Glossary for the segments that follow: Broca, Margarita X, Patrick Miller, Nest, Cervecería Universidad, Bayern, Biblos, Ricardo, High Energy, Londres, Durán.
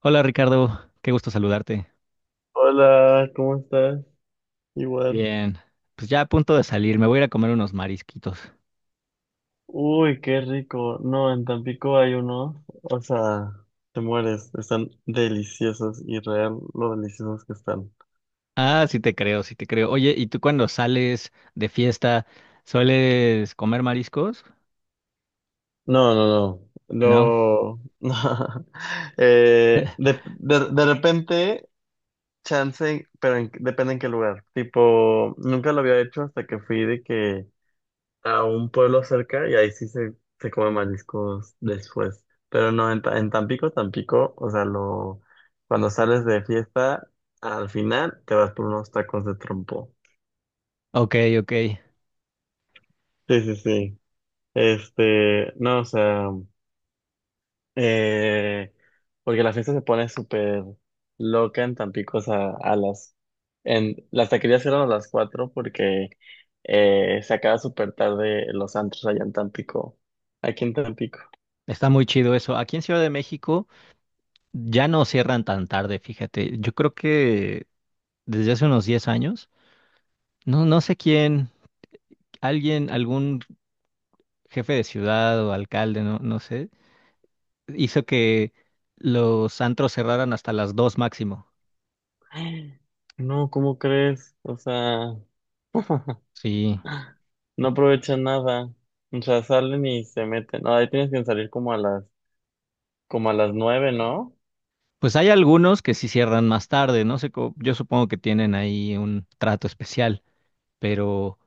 Hola Ricardo, qué gusto saludarte. Hola, ¿cómo estás? Igual. Bien, pues ya a punto de salir, me voy a ir a comer unos marisquitos. Uy, qué rico. No, en Tampico hay unos, o sea, te mueres. Están deliciosos y real lo deliciosos que están. Ah, sí te creo, sí te creo. Oye, ¿y tú cuando sales de fiesta sueles comer mariscos? No, no, No. no. No. De repente, chance, pero en- depende en qué lugar. Tipo, nunca lo había hecho hasta que fui de que a un pueblo cerca y ahí sí se come mariscos después. Pero no, en, Ta- en Tampico, Tampico, o sea, lo, cuando sales de fiesta, al final te vas por unos tacos de trompo. Ok, ok. Sí, sí, sí. Este, no, o sea, eh, porque la fiesta se pone súper loca en Tampico, o sea, a las, en, las taquerías eran a las cuatro porque se acaba súper tarde los antros allá en Tampico, aquí en Tampico. Está muy chido eso. Aquí en Ciudad de México ya no cierran tan tarde, fíjate. Yo creo que desde hace unos 10 años, no, no sé quién, algún jefe de ciudad o alcalde, no, no sé, hizo que los antros cerraran hasta las 2 máximo. No, ¿cómo crees? O sea, Sí, no aprovechan nada. O sea, salen y se meten. No, ahí tienes que salir como a las nueve, ¿no? pues hay algunos que sí cierran más tarde, no sé, yo supongo que tienen ahí un trato especial, pero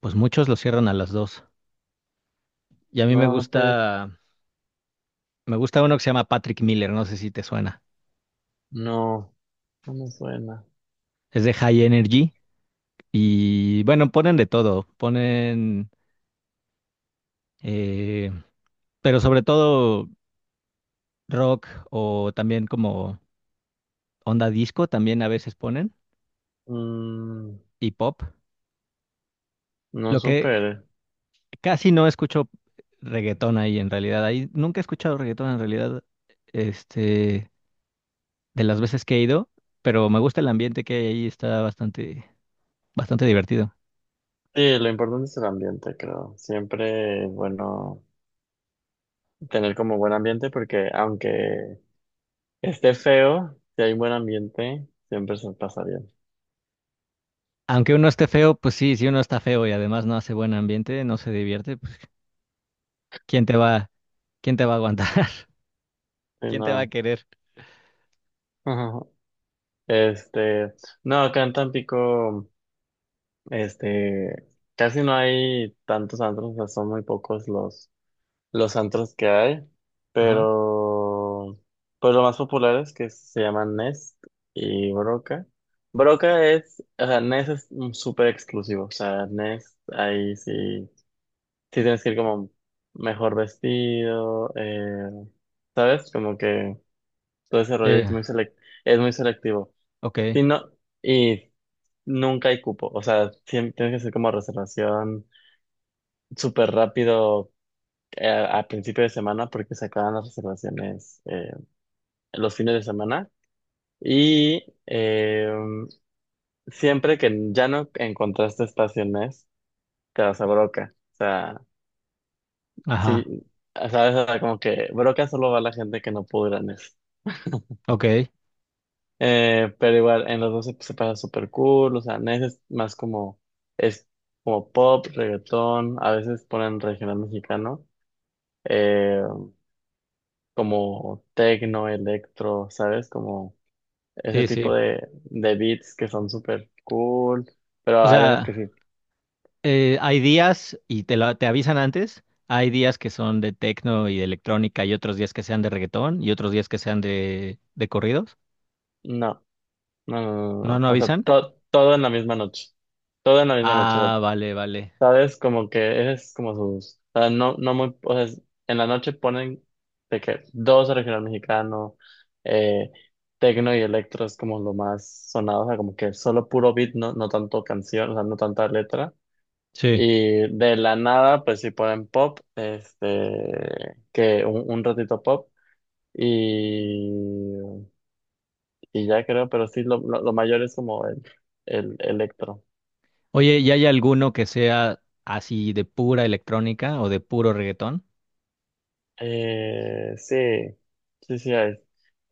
pues muchos lo cierran a las dos. Y a mí me No, no puede. gusta, me gusta uno que se llama Patrick Miller, no sé si te suena. No, no me suena. Es de High Energy y bueno, ponen de todo, ponen, eh, pero sobre todo rock o también como onda disco, también a veces ponen Mm, y pop. no Lo que súper. Casi no escucho reggaetón ahí en realidad. Ahí nunca he escuchado reggaetón en realidad, este, de las veces que he ido, pero me gusta el ambiente que hay ahí, está bastante, bastante divertido. Sí, lo importante es el ambiente, creo. Siempre es bueno tener como buen ambiente porque aunque esté feo, si hay buen ambiente, siempre se pasa bien. Aunque uno esté feo, pues sí, si uno está feo y además no hace buen ambiente, no se divierte, pues ¿quién te va, quién te va a aguantar? Sí, ¿Quién te va a no. querer? Este, no, acá en Tampico, este, casi no hay tantos antros, o sea, son muy pocos los antros que hay, Ajá. pero pues los más populares que se llaman Nest y Broca. Broca es, o sea, Nest es mm, súper exclusivo, o sea, Nest ahí sí, sí tienes que ir como mejor vestido, ¿sabes? Como que todo ese rollo es Eh, muy selec- es muy selectivo. ok. Y no, y nunca hay cupo, o sea, siempre tienes que hacer como reservación súper rápido a, principio de semana porque se acaban las reservaciones los fines de semana y siempre que ya no encontraste estaciones, te vas a Broca, o sea, Ajá. sí, sabes, o sea, como que Broca solo va la gente que no pudo ir a Nes. Ok. Pero igual en los dos se pasa súper cool, o sea, Nes es más como, es como pop, reggaetón, a veces ponen regional mexicano. eh, como techno, electro, ¿sabes? Como ese Sí, sí. tipo de beats que son súper cool, O pero hay veces sea. que sí. Hay días, y te avisan antes, hay días que son de tecno y de electrónica y otros días que sean de reggaetón y otros días que sean de corridos. No, no, no, no, no. ¿No, no. no O sea, avisan? to- todo en la misma noche. Todo en la misma noche. O Ah, sea, vale, vale. ¿sabes? Como que ese es como sus. O sea, no, no muy. O sea, es- en la noche ponen de que dos regional mexicano, eh, tecno y electro es como lo más sonado, o sea, como que solo puro beat, no, no tanto canción, o sea, no tanta letra. Sí. Y de la nada, pues sí ponen pop, este, que un ratito pop, y, y ya creo, pero sí, lo mayor es como el electro. Oye, ¿y hay alguno que sea así de pura electrónica o de puro reggaetón? Sí, sí, sí hay.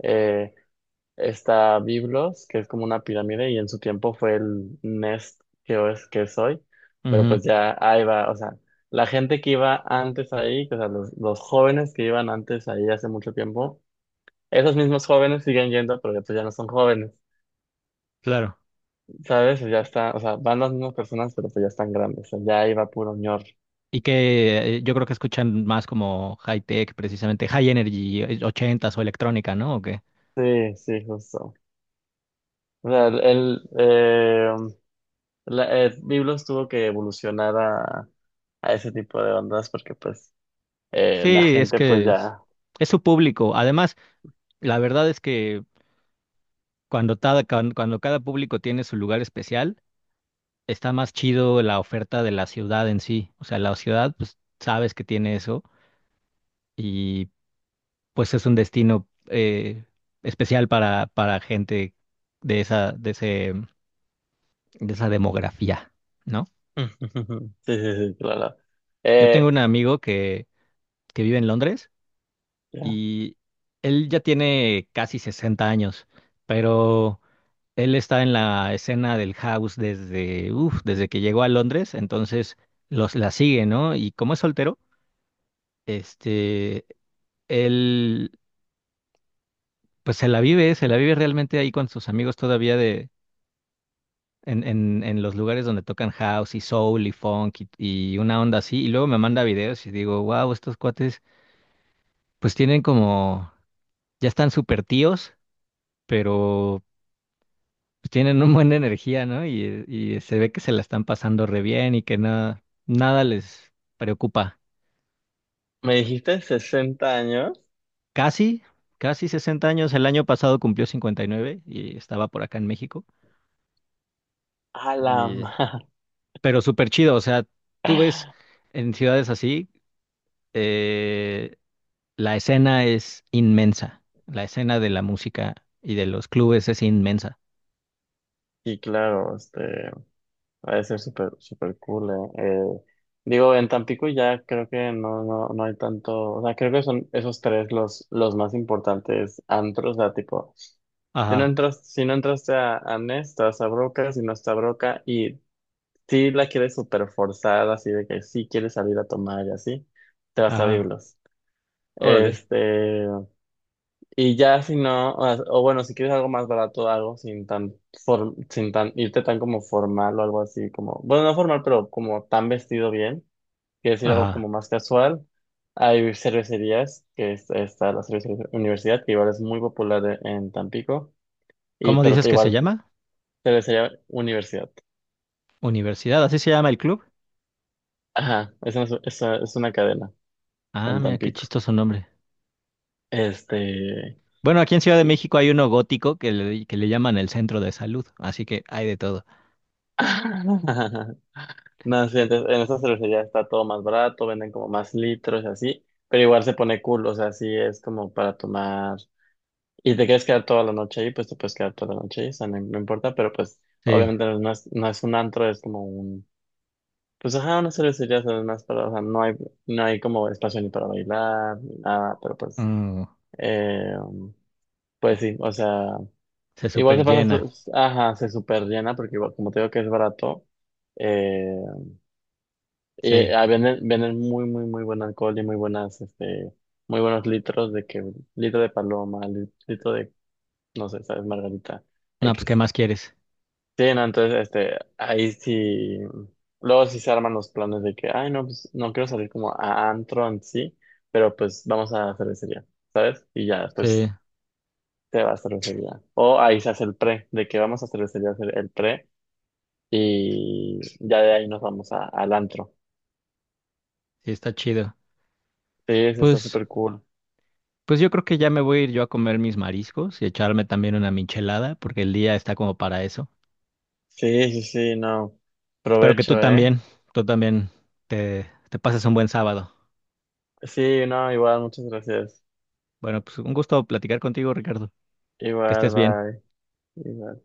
Eh, está Biblos, que es como una pirámide, y en su tiempo fue el Nest que es hoy, pero Ujú, pues ya ahí va, o sea, la gente que iba antes ahí, o sea, los jóvenes que iban antes ahí hace mucho tiempo, esos mismos jóvenes siguen yendo, pero ya, pues ya no son jóvenes, claro. ¿sabes? Ya está, o sea, van las mismas personas, pero pues ya están grandes, o sea, ya iba puro ñor. Y que yo creo que escuchan más como high tech, precisamente high energy, 80 o electrónica, ¿no? ¿O qué? Sí, sí, justo. O sea, el, la- Biblos tuvo que evolucionar a ese tipo de ondas porque pues la Sí, es gente pues que es, ya... es su público. Además, la verdad es que cuando cada público tiene su lugar especial, está más chido la oferta de la ciudad en sí. O sea, la ciudad, pues sabes que tiene eso y pues es un destino especial para gente de esa, de ese, de esa demografía, ¿no? Sí, sí, sí, claro. Yo tengo Eh, un amigo que vive en Londres ya. y él ya tiene casi 60 años, pero... Él está en la escena del house desde que llegó a Londres, entonces la sigue, ¿no? Y como es soltero, este, él, pues se la vive realmente ahí con sus amigos todavía en los lugares donde tocan house y soul y funk y una onda así. Y luego me manda videos y digo, wow, estos cuates, pues ya están súper tíos, pero pues, tienen un buena energía, ¿no? Y se ve que se la están pasando re bien y que nada, nada les preocupa. ¿Me dijiste sesenta años? Casi, casi 60 años. El año pasado cumplió 59 y nueve y estaba por acá en México. A la Y madre. pero súper chido, o sea, tú ves en ciudades así, eh, la escena es inmensa. La escena de la música y de los clubes es inmensa. Sí, claro, este... Va a ser súper, súper cool, eh. Digo, en Tampico ya creo que no, no, no hay tanto, o sea, creo que son esos tres los más importantes antros, o sea, tipo, si no Ajá, entras, si no entraste a Nest, vas a Broca, si no está Broca, y si la quieres súper forzada, así de que sí quieres salir a tomar y así, te vas a ajá, Biblos. órale. Este, y ya si no, o bueno, si quieres algo más barato, algo sin tan form- sin tan irte tan como formal o algo así, como, bueno, no formal, pero como tan vestido bien, quieres ir algo como Ajá. más casual, hay cervecerías, que es, está la cervecería Universidad, que igual es muy popular e- en Tampico, y ¿Cómo pero dices te- que se igual llama? cervecería Universidad. Universidad, ¿así se llama el club? Ajá, es una, es una cadena Ah, en mira, qué Tampico. chistoso nombre. Este, Bueno, aquí en Ciudad de y- México hay uno gótico que le llaman el centro de salud, así que hay de todo. No, sí, entonces, en esta cervecerías está todo más barato, venden como más litros y así, pero igual se pone cool, o sea, sí es como para tomar. Y te quieres quedar toda la noche ahí, pues te puedes quedar toda la noche ahí, o sea, no, no importa, pero pues Sí, obviamente no es, no es un antro, es como un. Pues ajá, una cervecería, o sea, es más para, o sea, no hay, no hay como espacio ni para bailar, ni nada, pero pues. mm, Eh, pues sí, o sea, se igual super se pasa, llena. su- ajá, se super llena, porque igual, como te digo que es barato. Eh, Sí. Venden, venden muy, muy, muy buen alcohol y muy buenas, este, muy buenos litros de que, litro de paloma, li- litro de, no sé, sabes, Margarita No, pues, ¿qué X. más quieres? Sí, no, entonces, este, ahí sí, luego sí se arman los planes de que, ay, no, pues, no quiero salir como a antro en sí, pero pues vamos a cervecería, ¿sabes? Y ya, Sí, pues, te vas a cervecería. O ahí se hace el pre, de que vamos a cervecería a hacer el pre y ya de ahí nos vamos a, al antro. sí, está chido. Sí, sí, está Pues, súper cool. pues yo creo que ya me voy a ir yo a comer mis mariscos y echarme también una michelada, porque el día está como para eso. Sí, sí, sí, no. Espero que tú Provecho, ¿eh? también, tú también te pases un buen sábado. Sí, no, igual, muchas gracias. Bueno, pues un gusto platicar contigo, Ricardo. Que Igual, estés bien. bye. Igual.